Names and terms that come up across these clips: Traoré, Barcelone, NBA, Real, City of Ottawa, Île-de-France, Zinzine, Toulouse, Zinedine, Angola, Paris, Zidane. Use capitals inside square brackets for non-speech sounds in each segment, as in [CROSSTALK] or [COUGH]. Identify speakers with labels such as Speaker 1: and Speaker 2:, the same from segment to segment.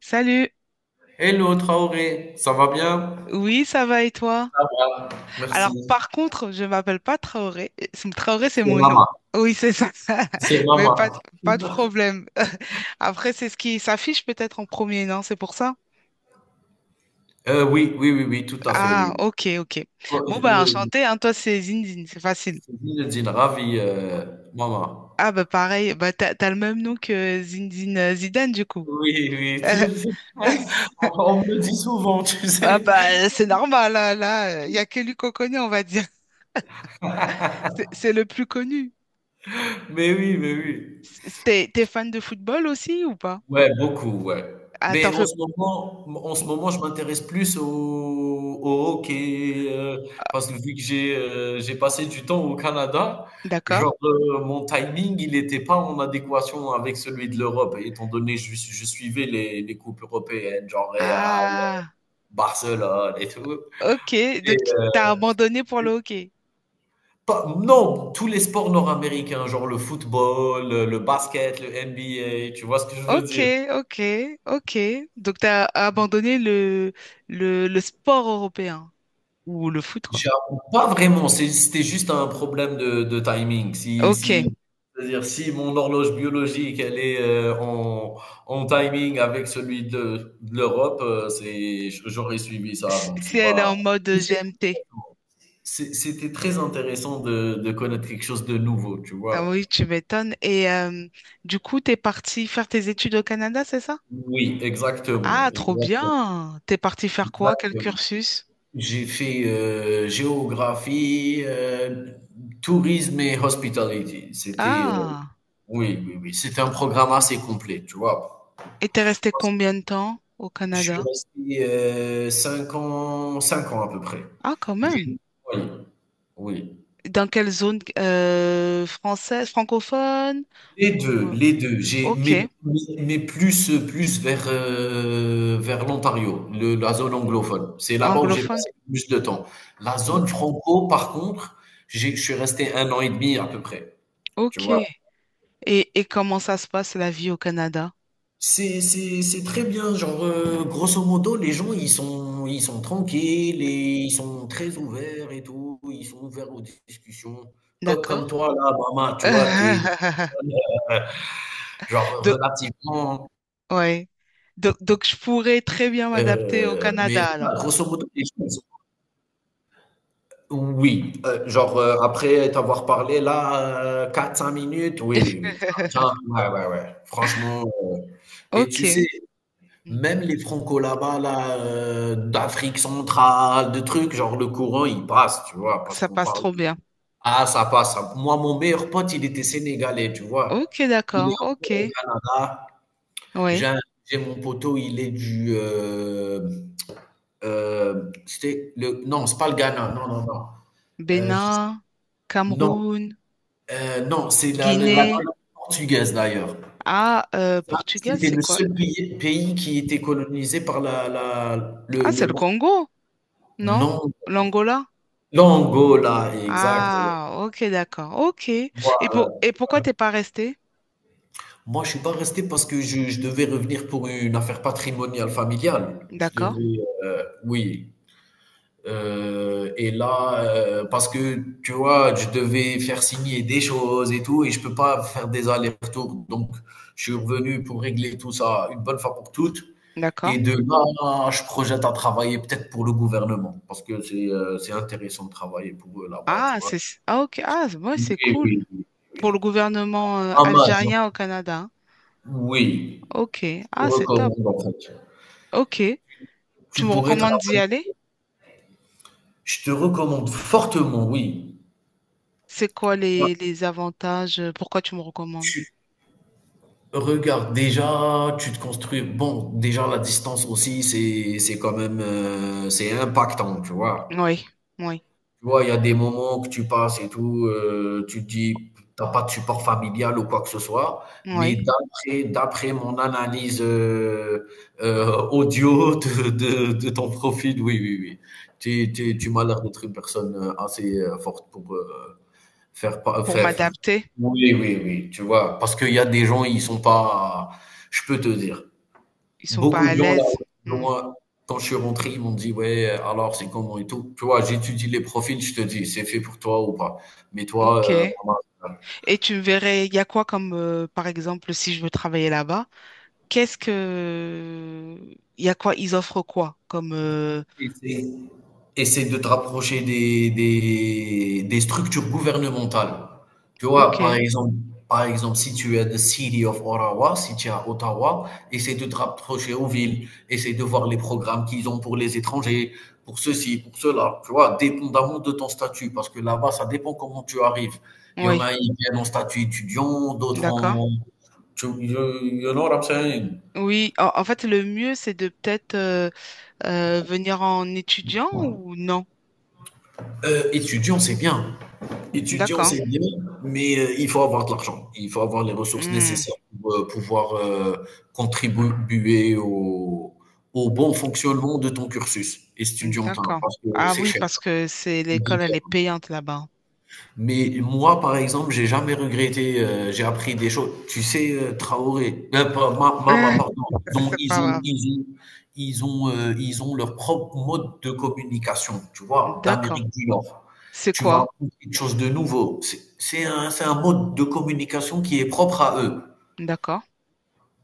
Speaker 1: Salut.
Speaker 2: Hello Traoré, ça va bien?
Speaker 1: Oui, ça va et toi? Alors,
Speaker 2: Merci.
Speaker 1: par contre, je m'appelle pas Traoré. Traoré, c'est
Speaker 2: C'est
Speaker 1: mon nom.
Speaker 2: Maman.
Speaker 1: Oui, c'est ça.
Speaker 2: C'est
Speaker 1: [LAUGHS] Mais
Speaker 2: Maman.
Speaker 1: pas de problème. [LAUGHS] Après, c'est ce qui s'affiche peut-être en premier, non? C'est pour ça?
Speaker 2: Oui, oui, oui, oui, tout à fait,
Speaker 1: Ah,
Speaker 2: oui.
Speaker 1: ok, ok.
Speaker 2: Bon,
Speaker 1: Bon, bah, enchanté, hein. Toi, c'est Zinzine, c'est facile.
Speaker 2: Je suis Zinedine, ravi, Maman.
Speaker 1: Ah, bah, pareil. Bah, t'as le même nom que Zinzine Zidane, du coup.
Speaker 2: Oui, oui.
Speaker 1: [LAUGHS]
Speaker 2: [LAUGHS] On me le dit souvent, tu
Speaker 1: Ah,
Speaker 2: sais.
Speaker 1: bah, c'est normal, hein, là. Il y a que lui qu'on connaît, on va dire. [LAUGHS] C'est le plus connu.
Speaker 2: Mais oui, mais oui.
Speaker 1: T'es fan de football aussi ou pas?
Speaker 2: Ouais, beaucoup, ouais.
Speaker 1: Ah,
Speaker 2: Mais
Speaker 1: t'en
Speaker 2: en
Speaker 1: fais...
Speaker 2: ce moment en ce moment, je m'intéresse plus au hockey, parce que vu que j'ai passé du temps au Canada,
Speaker 1: D'accord.
Speaker 2: genre, mon timing, il n'était pas en adéquation avec celui de l'Europe, étant donné que je suivais les coupes européennes, genre Real,
Speaker 1: Ah,
Speaker 2: Barcelone et tout
Speaker 1: ok.
Speaker 2: et
Speaker 1: Donc, tu t'as abandonné pour le hockey.
Speaker 2: pas non, tous les sports nord-américains, genre le football, le basket, le NBA, tu vois ce que je veux
Speaker 1: Ok,
Speaker 2: dire?
Speaker 1: ok, ok. Donc, t'as abandonné le sport européen ou le foot, quoi.
Speaker 2: J'avoue, pas vraiment, c'était juste un problème de timing. Si
Speaker 1: Ok.
Speaker 2: si c'est-à-dire si mon horloge biologique, elle est, en timing avec celui de l'Europe, c'est j'aurais suivi ça,
Speaker 1: Si
Speaker 2: donc
Speaker 1: si
Speaker 2: c'est
Speaker 1: elle est
Speaker 2: pas
Speaker 1: en mode
Speaker 2: c'est
Speaker 1: GMT.
Speaker 2: c'était très intéressant de connaître quelque chose de nouveau, tu
Speaker 1: Ah oui,
Speaker 2: vois?
Speaker 1: tu m'étonnes. Et du coup, t'es parti faire tes études au Canada, c'est ça?
Speaker 2: Oui, exactement,
Speaker 1: Ah, trop
Speaker 2: exactement,
Speaker 1: bien. T'es parti faire quoi? Quel
Speaker 2: exactement.
Speaker 1: cursus?
Speaker 2: J'ai fait, géographie, tourisme et hospitality. C'était,
Speaker 1: Ah.
Speaker 2: oui, oui, oui, c'était un programme assez complet, tu vois?
Speaker 1: Et t'es resté combien de temps au
Speaker 2: Je suis
Speaker 1: Canada?
Speaker 2: resté, heu, 5 ans 5 ans à peu près.
Speaker 1: Ah, quand
Speaker 2: J'ai
Speaker 1: même.
Speaker 2: oui, oui.
Speaker 1: Dans quelle zone française, francophone?
Speaker 2: Les 2,
Speaker 1: ou-
Speaker 2: les deux. J'ai
Speaker 1: Ok,
Speaker 2: mais plus, plus vers, vers l'Ontario, le la zone anglophone. C'est là-bas où j'ai
Speaker 1: anglophone.
Speaker 2: passé le plus de temps. La zone
Speaker 1: Ok.
Speaker 2: franco, par contre, j'ai je suis resté un an et demi à peu près, tu
Speaker 1: Ok.
Speaker 2: vois?
Speaker 1: Et comment ça se passe la vie au Canada?
Speaker 2: C'est très bien. Genre, grosso modo, les gens, ils sont tranquilles et ils sont très ouverts et tout. Ils sont ouverts aux discussions.
Speaker 1: D'accord?
Speaker 2: Comme toi, là, maman, tu vois, t'es,
Speaker 1: [LAUGHS]
Speaker 2: euh, genre,
Speaker 1: Donc,
Speaker 2: relativement,
Speaker 1: ouais. Donc, je pourrais très bien m'adapter au
Speaker 2: mais
Speaker 1: Canada
Speaker 2: voilà,
Speaker 1: alors.
Speaker 2: grosso modo, les gens, ils sont- oui, genre, après t'avoir parlé, là, quatre cinq minutes, oui, oui, oui. Tiens,
Speaker 1: [LAUGHS]
Speaker 2: ouais, ouais, ouais. Franchement, et tu
Speaker 1: Ok.
Speaker 2: sais,
Speaker 1: Mm.
Speaker 2: même les Franco là-bas, là, d'Afrique centrale, de trucs, genre le courant il passe, tu vois? Parce
Speaker 1: Ça
Speaker 2: qu'on
Speaker 1: passe
Speaker 2: parle
Speaker 1: trop bien.
Speaker 2: ah ça passe, ça moi mon meilleur pote il était sénégalais, tu vois?
Speaker 1: Ok,
Speaker 2: Il est
Speaker 1: d'accord. Ok.
Speaker 2: encore au Canada. J'ai
Speaker 1: Oui.
Speaker 2: un j'ai mon poteau, il est du, c'était le non, c'est pas le Ghana, non, non, non, je
Speaker 1: Bénin,
Speaker 2: non,
Speaker 1: Cameroun,
Speaker 2: non, c'est la
Speaker 1: Guinée.
Speaker 2: colonie portugaise d'ailleurs.
Speaker 1: Ah,
Speaker 2: Ça,
Speaker 1: Portugal,
Speaker 2: c'était
Speaker 1: c'est
Speaker 2: le
Speaker 1: quoi?
Speaker 2: seul pays qui était colonisé par la la
Speaker 1: Ah, c'est
Speaker 2: le
Speaker 1: le
Speaker 2: Portu
Speaker 1: Congo, non?
Speaker 2: non.
Speaker 1: L'Angola?
Speaker 2: L'Angola, exact.
Speaker 1: Ah, ok, d'accord. Ok. Et
Speaker 2: Moi,
Speaker 1: pourquoi t'es pas resté?
Speaker 2: moi, je suis pas resté parce que je devais revenir pour une affaire patrimoniale familiale. Je
Speaker 1: D'accord,
Speaker 2: devais, oui. Et là, parce que tu vois, je devais faire signer des choses et tout, et je peux pas faire des allers-retours. Donc, je suis revenu pour régler tout ça une bonne fois pour toutes.
Speaker 1: d'accord.
Speaker 2: Et de là, je projette à travailler peut-être pour le gouvernement, parce que c'est intéressant de travailler pour eux là-bas, tu
Speaker 1: Ah,
Speaker 2: vois.
Speaker 1: c'est ah, ok. Ah, ouais,
Speaker 2: Oui,
Speaker 1: c'est cool.
Speaker 2: oui, oui.
Speaker 1: Pour
Speaker 2: oui.
Speaker 1: le gouvernement
Speaker 2: Ah, major-
Speaker 1: algérien au Canada, hein.
Speaker 2: oui,
Speaker 1: Ok.
Speaker 2: te
Speaker 1: Ah, c'est top.
Speaker 2: recommande en fait.
Speaker 1: Ok.
Speaker 2: Tu
Speaker 1: Tu me
Speaker 2: pourrais
Speaker 1: recommandes d'y
Speaker 2: travailler.
Speaker 1: aller?
Speaker 2: Je te recommande fortement, oui.
Speaker 1: C'est quoi
Speaker 2: Ouais,
Speaker 1: les avantages? Pourquoi tu me recommandes?
Speaker 2: tu regardes déjà, tu te construis. Bon, déjà la distance aussi, c'est quand même c'est impactant, tu vois.
Speaker 1: Oui, oui,
Speaker 2: Tu vois, il y a des moments que tu passes et tout, tu te dis: t'as pas de support familial ou quoi que ce soit», mais
Speaker 1: oui.
Speaker 2: d'après mon analyse, heu, audio de ton profil, oui, oui, oui. Tu m'as l'air d'être une personne, assez, forte pour,
Speaker 1: Pour
Speaker 2: faire f
Speaker 1: m'adapter,
Speaker 2: oui, oui, oui, tu vois? Parce qu'il y a des gens, ils sont pas je peux te dire.
Speaker 1: ils sont pas
Speaker 2: Beaucoup
Speaker 1: à
Speaker 2: de gens là
Speaker 1: l'aise.
Speaker 2: autour de
Speaker 1: Hmm.
Speaker 2: moi, quand je suis rentré, ils m'ont dit: «Ouais, alors c'est comment et tout?» tu vois? J'étudie les profils, je te dis: «C'est fait pour toi ou pas». Mais toi,
Speaker 1: Ok. Et tu me verrais, il y a quoi comme, par exemple, si je veux travailler là-bas? Qu'est-ce que... Il y a quoi? Ils offrent quoi? Comme...
Speaker 2: Essaye, essaye de te rapprocher des structures gouvernementales. Tu vois,
Speaker 1: Ok,
Speaker 2: par exemple, si tu es de City of Ottawa, si tu es à Ottawa, essaye de te rapprocher aux villes, essaye de voir les programmes qu'ils ont pour les étrangers, pour ceci, pour cela, tu vois, dépendamment de ton statut, parce que là-bas, ça dépend comment tu arrives. Il y en
Speaker 1: oui,
Speaker 2: a, ils viennent en statut étudiant, d'autres
Speaker 1: d'accord.
Speaker 2: en... you, you know what I'm saying?
Speaker 1: Oui, en fait, le mieux, c'est de peut-être venir en étudiant ou non?
Speaker 2: Étudiant, c'est bien. Étudier, on
Speaker 1: D'accord.
Speaker 2: sait bien, mais il faut avoir de l'argent. Il faut avoir les ressources
Speaker 1: Hmm,
Speaker 2: nécessaires pour pouvoir contribuer au bon fonctionnement de ton cursus étudiantin,
Speaker 1: d'accord.
Speaker 2: parce que
Speaker 1: Ah
Speaker 2: c'est
Speaker 1: oui,
Speaker 2: cher.
Speaker 1: parce que c'est l'école, elle est payante là-bas.
Speaker 2: Mais moi, par exemple, j'ai jamais regretté, j'ai appris des choses. Tu sais, Traoré, pas Ma Mama,
Speaker 1: [LAUGHS]
Speaker 2: pardon, ont
Speaker 1: C'est pas
Speaker 2: ils ont
Speaker 1: grave.
Speaker 2: ils ont ils ont, ils ont leur propre mode de communication, tu vois?
Speaker 1: D'accord.
Speaker 2: D'Amérique du Nord.
Speaker 1: C'est
Speaker 2: Tu vas
Speaker 1: quoi?
Speaker 2: apprendre quelque chose de nouveau. C'est un mode de communication qui est propre à eux.
Speaker 1: D'accord.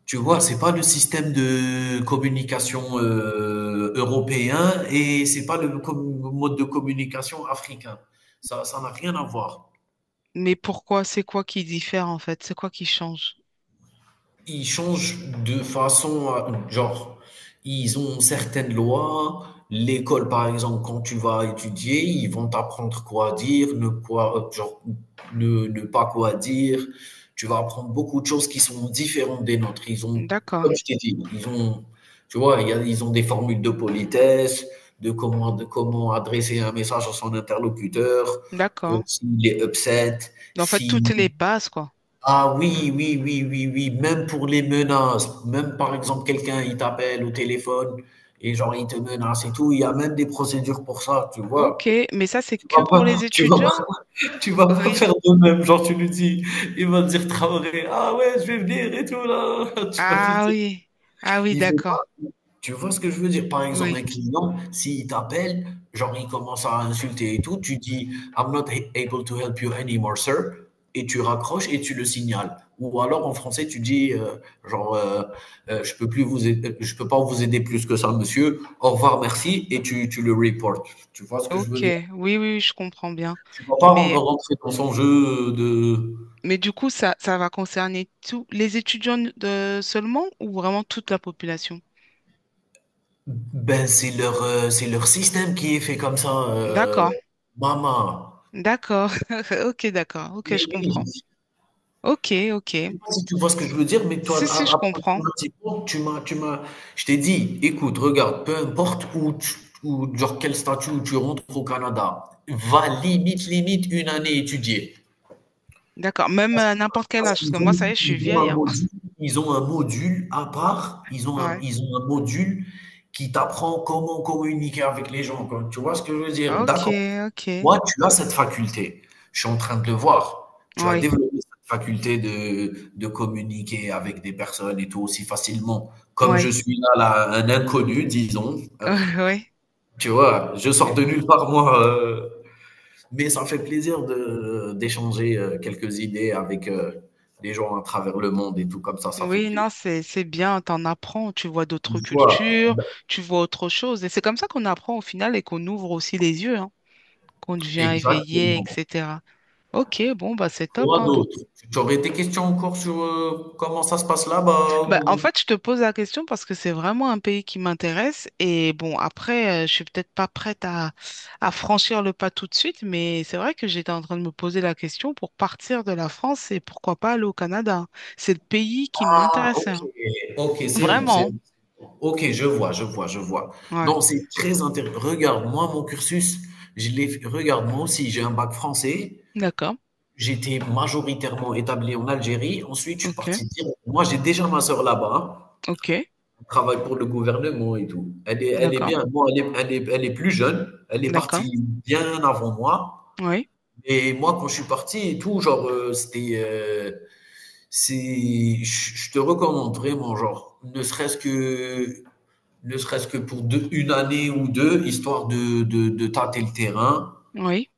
Speaker 2: Tu vois? C'est pas le système de communication, européen et c'est pas le com mode de communication africain. Ça n'a rien à voir.
Speaker 1: Mais pourquoi? C'est quoi qui diffère en fait? C'est quoi qui change?
Speaker 2: Ils changent de façon, à- genre, ils ont certaines lois. L'école, par exemple, quand tu vas étudier, ils vont t'apprendre quoi dire, ne quoi, genre, ne pas quoi dire. Tu vas apprendre beaucoup de choses qui sont différentes des nôtres. Ils ont,
Speaker 1: D'accord.
Speaker 2: comme je t'ai dit, ils ont, tu vois, il y a- ils ont des formules de politesse, de comment adresser un message à son interlocuteur,
Speaker 1: D'accord.
Speaker 2: s'il est upset,
Speaker 1: En fait,
Speaker 2: si
Speaker 1: toutes les bases, quoi.
Speaker 2: ah oui, oui, oui, oui, oui, même pour les menaces, même par exemple quelqu'un il t'appelle au téléphone et genre il te menace et tout, il y a même des procédures pour ça, tu
Speaker 1: Ok,
Speaker 2: vois.
Speaker 1: mais ça, c'est
Speaker 2: Tu
Speaker 1: que
Speaker 2: vas
Speaker 1: pour
Speaker 2: pas
Speaker 1: les
Speaker 2: tu vas
Speaker 1: étudiants.
Speaker 2: pas tu vas pas
Speaker 1: Oui.
Speaker 2: faire de même, genre tu lui dis, il va te dire Traoré: «Ah ouais, je vais venir et tout là». [LAUGHS] Tu vas lui
Speaker 1: Ah
Speaker 2: dire
Speaker 1: oui. Ah oui,
Speaker 2: il faut
Speaker 1: d'accord.
Speaker 2: tu vois ce que je veux dire? Par exemple, un
Speaker 1: Oui.
Speaker 2: client, s'il t'appelle, genre il commence à insulter et tout, tu dis I'm not he- able to help you anymore, sir, et tu raccroches et tu le signales. Ou alors en français, tu dis genre je peux pas vous aider plus que ça, monsieur. Au revoir, merci, et tu le reportes. Tu vois ce que je veux
Speaker 1: Ok.
Speaker 2: dire?
Speaker 1: Oui, oui, oui, je comprends bien.
Speaker 2: Tu vas pas ren-
Speaker 1: Mais,
Speaker 2: rentrer dans son jeu de
Speaker 1: mais du coup, ça va concerner tous les étudiants de, seulement ou vraiment toute la population?
Speaker 2: ben c'est leur système qui est fait comme ça,
Speaker 1: D'accord.
Speaker 2: maman.
Speaker 1: D'accord. [LAUGHS] Ok, d'accord. Ok,
Speaker 2: Mais
Speaker 1: je
Speaker 2: oui,
Speaker 1: comprends. Ok, ok.
Speaker 2: je sais pas si tu vois ce que je veux dire, mais toi,
Speaker 1: Si, si, je
Speaker 2: a-
Speaker 1: comprends.
Speaker 2: approximativement, tu m'as, je t'ai dit, écoute, regarde, peu importe où- genre quel statut où tu rentres au Canada, va limite une année étudier.
Speaker 1: D'accord. Même
Speaker 2: Parce,
Speaker 1: à n'importe quel
Speaker 2: parce
Speaker 1: âge, parce
Speaker 2: qu'ils
Speaker 1: que moi,
Speaker 2: ont,
Speaker 1: ça y est, je suis vieille, hein.
Speaker 2: ils ont un module à part,
Speaker 1: [LAUGHS] Ouais.
Speaker 2: ils ont un module qui t'apprend comment communiquer avec les gens, quoi. Tu vois ce que je veux dire?
Speaker 1: Ok,
Speaker 2: D'accord.
Speaker 1: ok.
Speaker 2: Toi, tu as cette faculté. Je suis en train de le voir. Tu as
Speaker 1: Oui,
Speaker 2: développé cette faculté de communiquer avec des personnes et tout aussi facilement. Comme je
Speaker 1: oui,
Speaker 2: suis là, là, un inconnu, disons.
Speaker 1: [LAUGHS] oui, oui.
Speaker 2: Tu vois, je sors de nulle part, moi. Mais ça fait plaisir d'échanger quelques idées avec des gens à travers le monde et tout comme ça. Ça fait
Speaker 1: Oui, non,
Speaker 2: plaisir.
Speaker 1: c'est bien, t'en apprends, tu vois d'autres
Speaker 2: Voilà,
Speaker 1: cultures, tu vois autre chose. Et c'est comme ça qu'on apprend au final et qu'on ouvre aussi les yeux, hein, qu'on devient éveillé,
Speaker 2: exactement.
Speaker 1: etc. Ok, bon, bah c'est top,
Speaker 2: Quoi
Speaker 1: hein, donc.
Speaker 2: d'autre? Tu aurais des questions encore sur comment ça se passe là-bas?
Speaker 1: Bah, en
Speaker 2: Ou-
Speaker 1: fait, je te pose la question parce que c'est vraiment un pays qui m'intéresse. Et bon, après, je suis peut-être pas prête à franchir le pas tout de suite, mais c'est vrai que j'étais en train de me poser la question pour partir de la France et pourquoi pas aller au Canada. C'est le pays qui m'intéressait,
Speaker 2: OK,
Speaker 1: hein.
Speaker 2: OK, c'est bon, c'est
Speaker 1: Vraiment.
Speaker 2: bon. OK, je vois, je vois, je vois.
Speaker 1: Ouais.
Speaker 2: Non, c'est très intéressant. Regarde, moi, mon cursus, je l'ai f regarde, moi aussi, j'ai un bac français.
Speaker 1: D'accord.
Speaker 2: J'étais majoritairement établi en Algérie. Ensuite, je suis
Speaker 1: Ok.
Speaker 2: parti direct moi, j'ai déjà ma sœur là-bas. Hein.
Speaker 1: Ok.
Speaker 2: Elle travaille pour le gouvernement et tout. Elle est
Speaker 1: D'accord,
Speaker 2: bien. Moi, elle est elle est plus jeune. Elle est
Speaker 1: d'accord.
Speaker 2: partie bien avant moi.
Speaker 1: Oui,
Speaker 2: Et moi, quand je suis parti et tout, c'est, je te recommande vraiment, genre, ne serait-ce que pour une année ou deux, histoire de tâter le terrain.
Speaker 1: oui,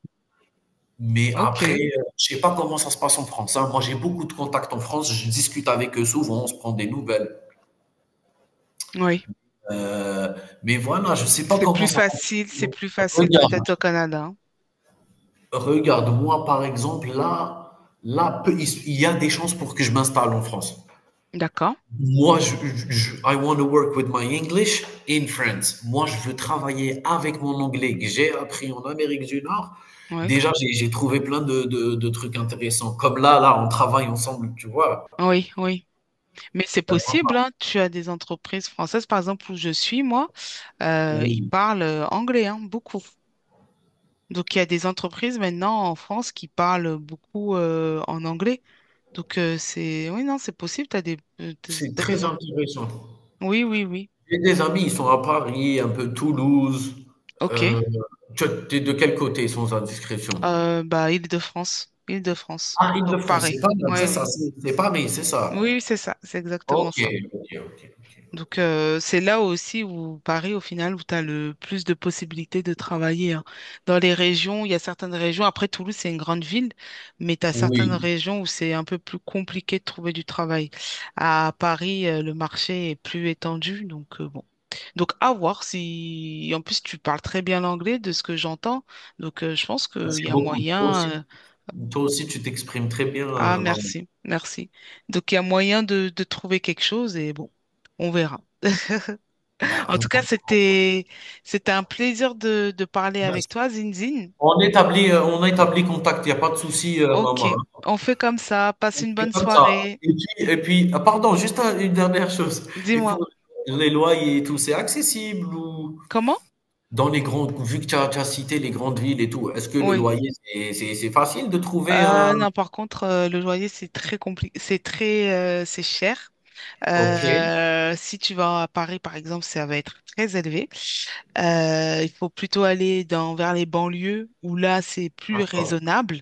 Speaker 2: Mais après,
Speaker 1: ok,
Speaker 2: je sais pas comment ça se passe en France. Hein. Moi, j'ai beaucoup de contacts en France. Je discute avec eux souvent. On se prend des nouvelles.
Speaker 1: oui.
Speaker 2: Euh, mais voilà, je sais pas
Speaker 1: C'est
Speaker 2: comment
Speaker 1: plus
Speaker 2: ça
Speaker 1: facile, c'est
Speaker 2: fonctionne.
Speaker 1: plus facile
Speaker 2: Regarde,
Speaker 1: peut-être au Canada, hein.
Speaker 2: regarde, moi, par exemple, là, là, peu- il y a des chances pour que je m'installe en France.
Speaker 1: D'accord,
Speaker 2: Moi, je- I want to work with my English in France. Moi, je veux travailler avec mon anglais que j'ai appris en Amérique du Nord.
Speaker 1: oui,
Speaker 2: Déjà, j'ai trouvé plein de trucs intéressants. Comme là, là, on travaille ensemble, tu vois.
Speaker 1: oui, oui. Mais c'est possible, hein. Tu as des entreprises françaises, par exemple, où je suis, moi, ils
Speaker 2: Oui,
Speaker 1: parlent anglais, hein, beaucoup. Donc, il y a des entreprises maintenant en France qui parlent beaucoup en anglais. Donc, c'est... Oui, non, c'est possible. T'as des... t'as
Speaker 2: c'est
Speaker 1: t'as des...
Speaker 2: très intéressant.
Speaker 1: Oui, oui, oui.
Speaker 2: J'ai des amis, ils sont à Paris, un peu Toulouse.
Speaker 1: Ok.
Speaker 2: Euh, tu es de quel côté, sans indiscrétion?
Speaker 1: Bah, Île-de-France. Île-de-France.
Speaker 2: Ah,
Speaker 1: Donc,
Speaker 2: Île-de-France,
Speaker 1: pareil.
Speaker 2: c'est pas mal,
Speaker 1: Oui,
Speaker 2: c'est
Speaker 1: oui.
Speaker 2: ça, c'est pas mais c'est
Speaker 1: Oui,
Speaker 2: ça.
Speaker 1: c'est ça, c'est exactement
Speaker 2: Ok,
Speaker 1: ça.
Speaker 2: ok, ok, ok, ok.
Speaker 1: Donc, c'est là aussi où Paris, au final, où tu as le plus de possibilités de travailler, hein. Dans les régions, il y a certaines régions, après Toulouse, c'est une grande ville, mais tu as certaines
Speaker 2: Oui,
Speaker 1: régions où c'est un peu plus compliqué de trouver du travail. À Paris, le marché est plus étendu, donc bon. Donc, à voir si... En plus, tu parles très bien l'anglais de ce que j'entends, donc je pense qu'il y
Speaker 2: c'est
Speaker 1: a
Speaker 2: beaucoup.
Speaker 1: moyen,
Speaker 2: Toi aussi, tu t'exprimes très bien,
Speaker 1: ah,
Speaker 2: maman.
Speaker 1: merci, merci. Donc, il y a moyen de trouver quelque chose et bon, on verra.
Speaker 2: Ben,
Speaker 1: En tout
Speaker 2: on,
Speaker 1: cas, c'était un plaisir de parler avec
Speaker 2: merci.
Speaker 1: toi, Zinzine.
Speaker 2: On établit contact, il n'y a pas de souci,
Speaker 1: Ok,
Speaker 2: maman.
Speaker 1: on fait comme ça. Passe
Speaker 2: On
Speaker 1: une
Speaker 2: fait
Speaker 1: bonne
Speaker 2: comme ça.
Speaker 1: soirée.
Speaker 2: Et puis, et puis ah, pardon, juste un- une dernière chose. Il faut
Speaker 1: Dis-moi,
Speaker 2: les loyers, et tout, c'est accessible ou
Speaker 1: comment?
Speaker 2: dans les grandes, vu que tu as cité les grandes villes et tout, est-ce que le
Speaker 1: Oui.
Speaker 2: loyer, c'est facile de trouver un...
Speaker 1: Non, par contre, le loyer, c'est très compliqué, c'est cher.
Speaker 2: Ok,
Speaker 1: Si tu vas à Paris, par exemple, ça va être très élevé. Il faut plutôt aller vers les banlieues où là, c'est plus
Speaker 2: d'accord.
Speaker 1: raisonnable.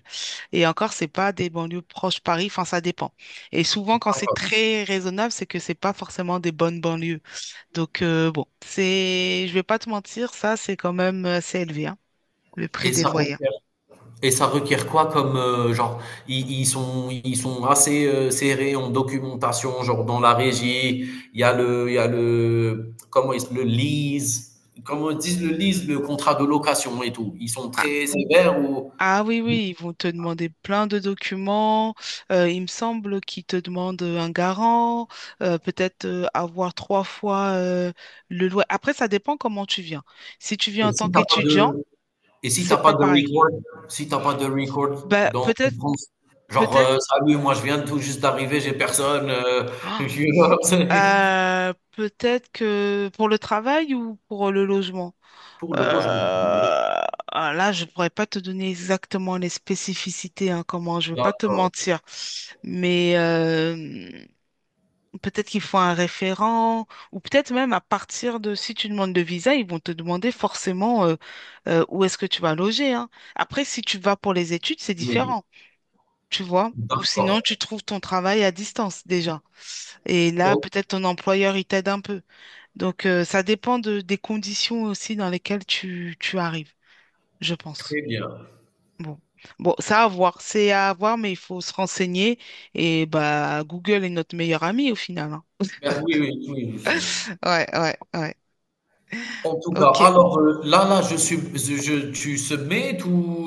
Speaker 1: Et encore, c'est pas des banlieues proches Paris. Enfin, ça dépend. Et souvent, quand c'est
Speaker 2: d'accord.
Speaker 1: très raisonnable, c'est que c'est pas forcément des bonnes banlieues. Donc, bon, je vais pas te mentir, ça, c'est quand même assez élevé, hein, le prix
Speaker 2: Et
Speaker 1: des
Speaker 2: ça
Speaker 1: loyers.
Speaker 2: requiert et ça requiert quoi comme genre ils sont assez serrés en documentation genre dans la régie il y a le comment ils le lease comment ils disent le lease le contrat de location et tout ils sont très sévères ou
Speaker 1: Ah oui, oui, ils vont te demander plein de documents. Il me semble qu'ils te demandent un garant, peut-être avoir trois fois le loyer. Après, ça dépend comment tu viens. Si tu viens
Speaker 2: et
Speaker 1: en tant
Speaker 2: si t'as pas
Speaker 1: qu'étudiant,
Speaker 2: de et si
Speaker 1: c'est
Speaker 2: t'as pas
Speaker 1: pas
Speaker 2: de
Speaker 1: pareil.
Speaker 2: record si t'as pas de record
Speaker 1: Bah,
Speaker 2: dans en
Speaker 1: peut-être,
Speaker 2: France genre
Speaker 1: peut-être,
Speaker 2: salut moi je viens tout juste d'arriver j'ai personne [LAUGHS] je
Speaker 1: [GASPS] ah,
Speaker 2: suis-
Speaker 1: peut-être que pour le travail ou pour le logement.
Speaker 2: [LAUGHS] pour le logement
Speaker 1: Euh, ah, là, je pourrais pas te donner exactement les spécificités, hein, comment, je veux pas te
Speaker 2: d'accord
Speaker 1: mentir. Mais peut-être qu'il faut un référent, ou peut-être même à partir de, si tu demandes de visa, ils vont te demander forcément où est-ce que tu vas loger, hein. Après, si tu vas pour les études, c'est
Speaker 2: oui
Speaker 1: différent, tu vois. Ou
Speaker 2: d'accord
Speaker 1: sinon, tu trouves ton travail à distance déjà. Et là,
Speaker 2: Ok.
Speaker 1: peut-être ton employeur, il t'aide un peu. Donc, ça dépend des conditions aussi dans lesquelles tu arrives, je pense.
Speaker 2: Très bien.
Speaker 1: Bon. Bon, ça à voir, c'est à voir, mais il faut se renseigner. Et bah, Google est notre meilleur ami au final, hein.
Speaker 2: Ben oui, oui, oui, je sais.
Speaker 1: Ouais, ouais, ouais.
Speaker 2: En tout cas,
Speaker 1: Ok.
Speaker 2: alors, là là, je suis, je tu submit ou